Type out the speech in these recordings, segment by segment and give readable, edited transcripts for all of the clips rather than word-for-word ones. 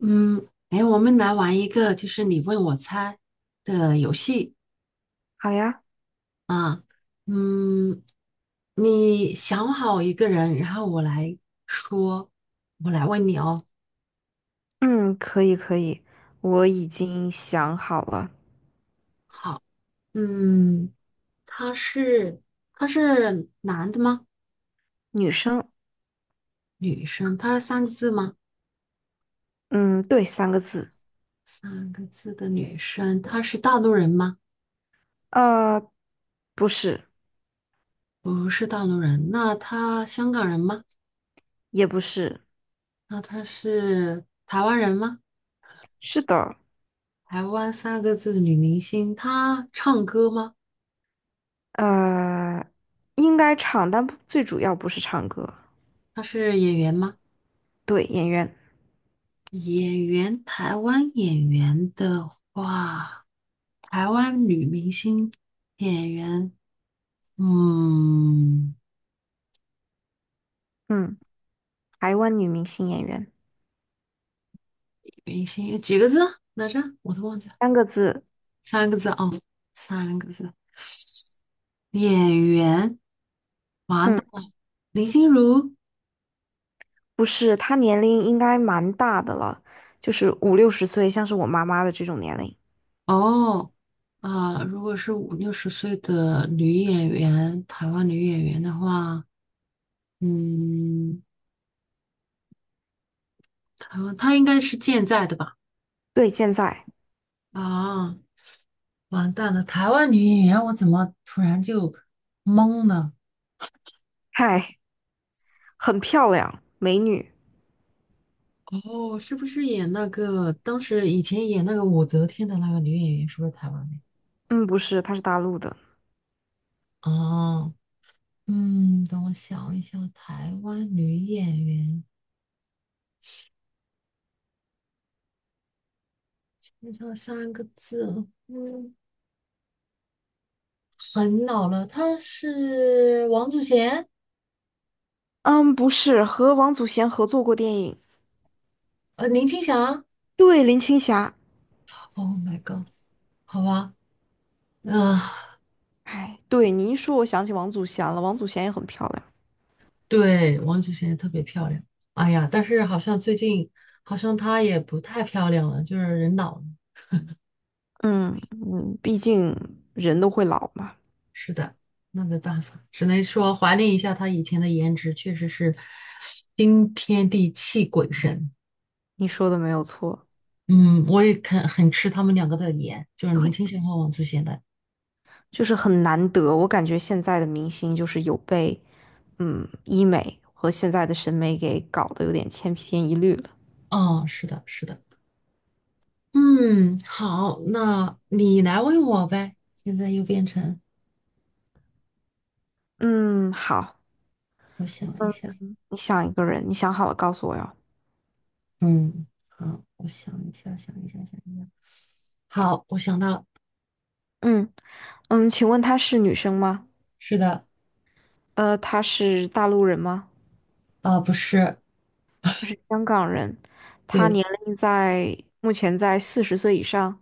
嗯，哎，我们来玩一个就是你问我猜的游戏。好呀，嗯，你想好一个人，然后我来说，我来问你哦。嗯，可以，我已经想好了，好，嗯，他是他是男的吗？女生，女生，他是三个字吗？嗯，对，三个字，三个字的女生，她是大陆人吗？呃，不是，不是大陆人，那她香港人吗？也不是，那她是台湾人吗？是的，台湾三个字的女明星，她唱歌吗？呃，应该唱，但不最主要不是唱歌，她是演员吗？对，演员，演员，台湾演员的话，台湾女明星演员，嗯，嗯，台湾女明星演员，明星几个字来着？我都忘记了，三个字，三个字哦，三个字。演员，完嗯，蛋了，林心如。不是，她年龄应该蛮大的了，就是五六十岁，像是我妈妈的这种年龄，哦，啊、如果是五六十岁的女演员，台湾女演员的话，嗯，台湾她应该是健在的吧？对，健在，啊。完蛋了，台湾女演员，我怎么突然就懵了？嗨，很漂亮，美女，哦，是不是演那个当时以前演那个武则天的那个女演员，是不是台湾的？嗯，不是，她是大陆的。哦，等我想一想，台湾女演员，就这三个字哦，很老了，她是王祖贤，嗯，不是，和王祖贤合作过电影，林青霞。对，林青霞。Oh my god，好吧，嗯、哎，对，你一说，我想起王祖贤了。王祖贤也很漂亮。对，王祖贤也特别漂亮。哎呀，但是好像最近好像她也不太漂亮了，就是人老了。嗯嗯，毕竟人都会老嘛，是的，那没办法，只能说怀念一下她以前的颜值，确实是惊天地泣鬼神。你说的没有错。嗯，我也很吃他们两个的颜，就是林对，青霞和王祖贤的。就是很难得，我感觉现在的明星就是有被，医美和现在的审美给搞得有点千篇一律了。哦，是的，是的。嗯，好，那你来问我呗。现在又变成嗯，好，我想一嗯，下，你想一个人，你想好了告诉我哟。嗯，好，我想一下，想一下，想一下。好，我想到了。嗯嗯，请问她是女生吗？是的，她是大陆人吗？啊、不是，她是香港人，她对，年龄在目前在40岁以上，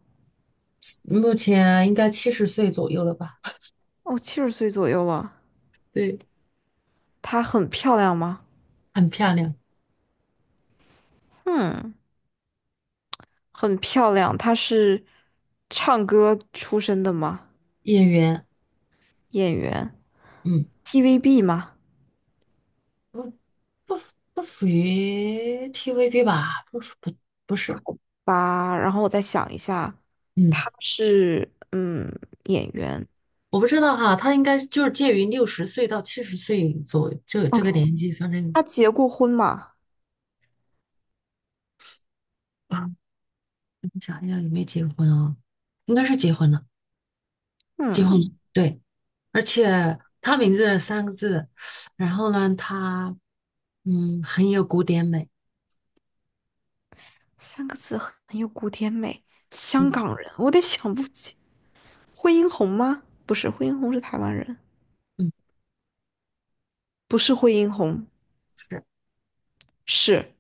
目前应该七十岁左右了吧，哦，七十岁左右了。对，她很漂亮吗？很漂亮，嗯，很漂亮。她是唱歌出身的吗？演员，演员嗯，，TVB 吗？不不不属于 TVB 吧，不是，吧，然后我再想一下，嗯，她是演员。我不知道哈，他应该就是介于六十岁到七十岁左这这 OK，个年纪，反正她结过婚吗？啊，我想一下有没有结婚啊，应该是结婚了，结嗯，婚了，对，而且他名字三个字，然后呢，他很有古典美，三个字很有古典美。香嗯港人，我得想不起。惠英红吗？不是，惠英红是台湾人。嗯。不是惠英红，是。是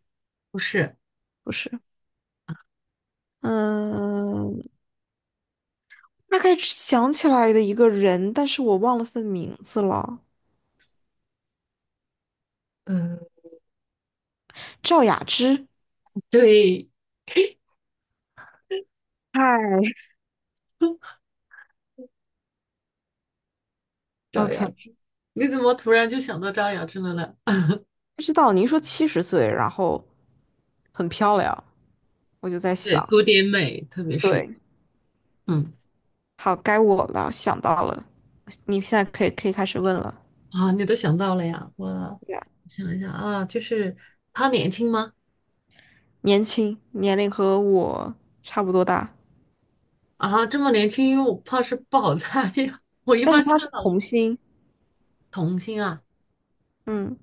不是，不是？嗯，大概想起来的一个人，但是我忘了他的名字了。嗯 赵雅芝。 对，嗨，赵，OK，雅芝，你怎么突然就想到赵雅芝了呢？不知道您说七十岁，然后很漂亮，我就在对，想，古典美，特别是，对，嗯，好，该我了，想到了，你现在可以开始问了。啊，你都想到了呀？我对呀，想一想啊，就是她年轻吗？年轻，年龄和我差不多大，啊，这么年轻，因为我怕是不好猜呀。我一但是般他猜是老童星，童星啊，嗯，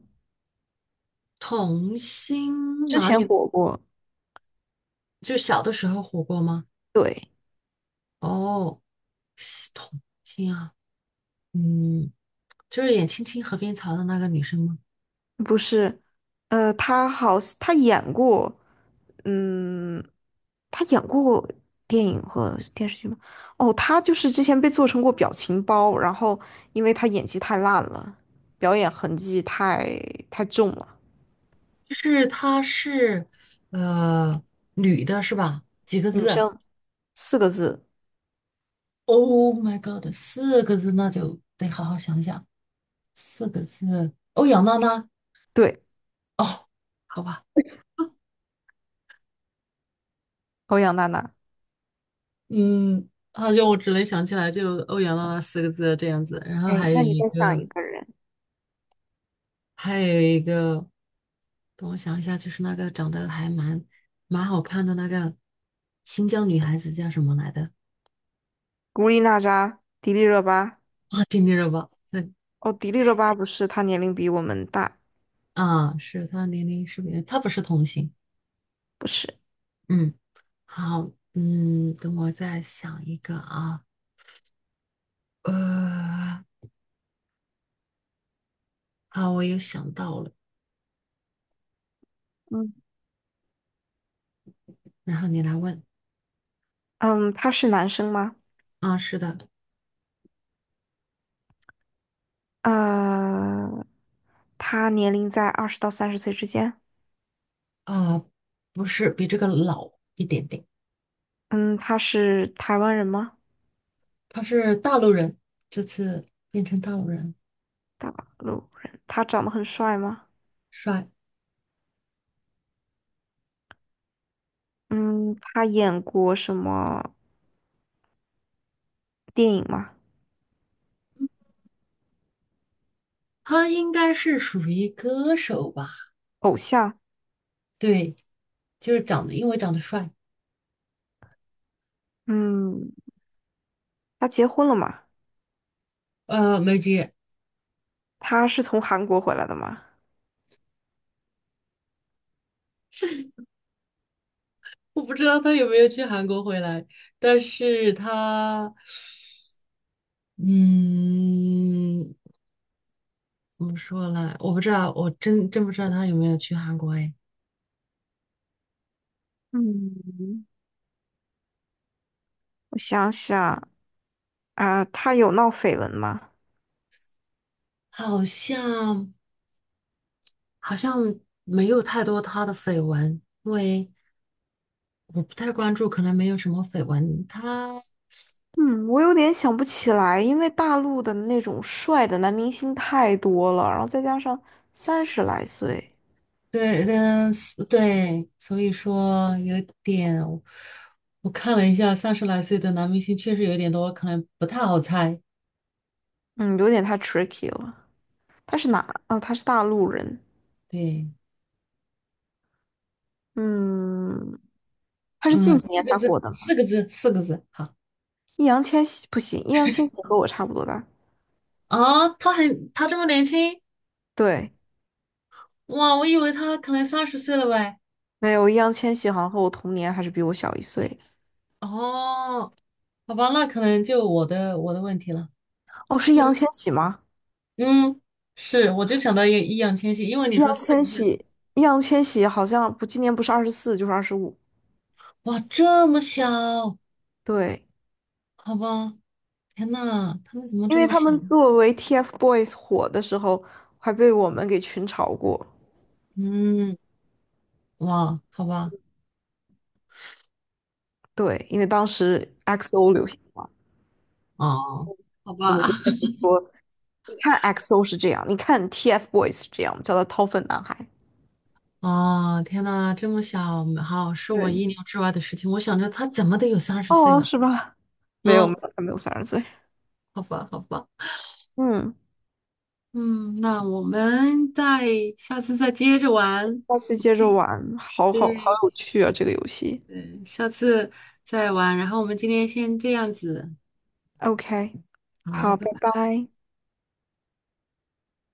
童星之哪前里的？火过，就小的时候火过吗？对。哦，是童星啊，嗯，就是演《青青河边草》的那个女生吗？不是，他演过，嗯，他演过电影和电视剧吗？哦，他就是之前被做成过表情包，然后因为他演技太烂了，表演痕迹太重了，就是她是呃女的是吧？几个女字生。四个字，？Oh my god，四个字那就得好好想想，四个字。欧阳娜娜对，哦，好吧，欧阳娜娜，嗯，好像我只能想起来就欧阳娜娜四个字这样子，然后哎，还有那你一再个，想一个人，还有一个，等我想一下，就是那个长得还蛮好看的那个新疆女孩子叫什么来的？古力娜扎，迪丽热巴。啊，丁丁热巴，对哦，迪丽热巴不是，她年龄比我们大，啊，是她年龄是不是？她不是童星。不是。嗯。好，等我再想一个啊，呃，好，我又想到了，嗯，然后你来问嗯，他是男生吗？啊，是的，呃，他年龄在20到30岁之间。啊，不是，比这个老一点点，嗯，他是台湾人吗？他是大陆人，这次变成大陆人，大陆人。他长得很帅吗？帅，嗯，他演过什么电影吗？他应该是属于歌手吧？偶像。对，就是长得，因为长得帅，嗯，他结婚了吗？梅姐，他是从韩国回来的吗？我不知道他有没有去韩国回来，但是他，嗯。怎么说呢？我不知道，我真不知道他有没有去韩国哎，嗯，我想想啊，他有闹绯闻吗？好像好像没有太多他的绯闻，因为我不太关注，可能没有什么绯闻。嗯，我有点想不起来，因为大陆的那种帅的男明星太多了，然后再加上30来岁，对是对，所以说有点，我看了一下，三十来岁的男明星确实有点多，可能不太好猜。嗯，有点太 tricky 了。他是哪？啊？他是大陆人。对，嗯，他是近嗯，几四年个才字，火的吗？四个字，四个字，好易烊千玺不行，易烊千玺和我差不多大。啊，他这么年轻对，哇，我以为他可能三十岁了喂。没有，易烊千玺好像和我同年，还是比我小一岁。哦，好吧，那可能就我的问题了。哦，是易嗯，烊千玺吗？嗯，是，我就想到一个易烊千玺，因为你易说烊四个千字，玺，易烊千玺好像不，今年不是24就是25。哇，这么小，对，好吧，天呐，他们怎么因这为么他小？们作为 TFBOYS 火的时候，还被我们给群嘲过。嗯，哇，好吧，对，因为当时 XO 流行嘛，哦，好吧，说你看 XO 是这样，你看 TFBOYS 是这样，我们叫他掏粪男孩。啊，天呐，这么小，好，是我对，意料之外的事情。我想着他怎么得有三十岁哦，了，是吧？没有没嗯，有，还没有三十岁。好吧，好吧，嗯，嗯，那我们下次再接着玩。下次我们接着今玩，好好好对，有趣啊，这个游戏。嗯，下次再玩。然后我们今天先这样子，OK，好，好，拜拜拜。拜。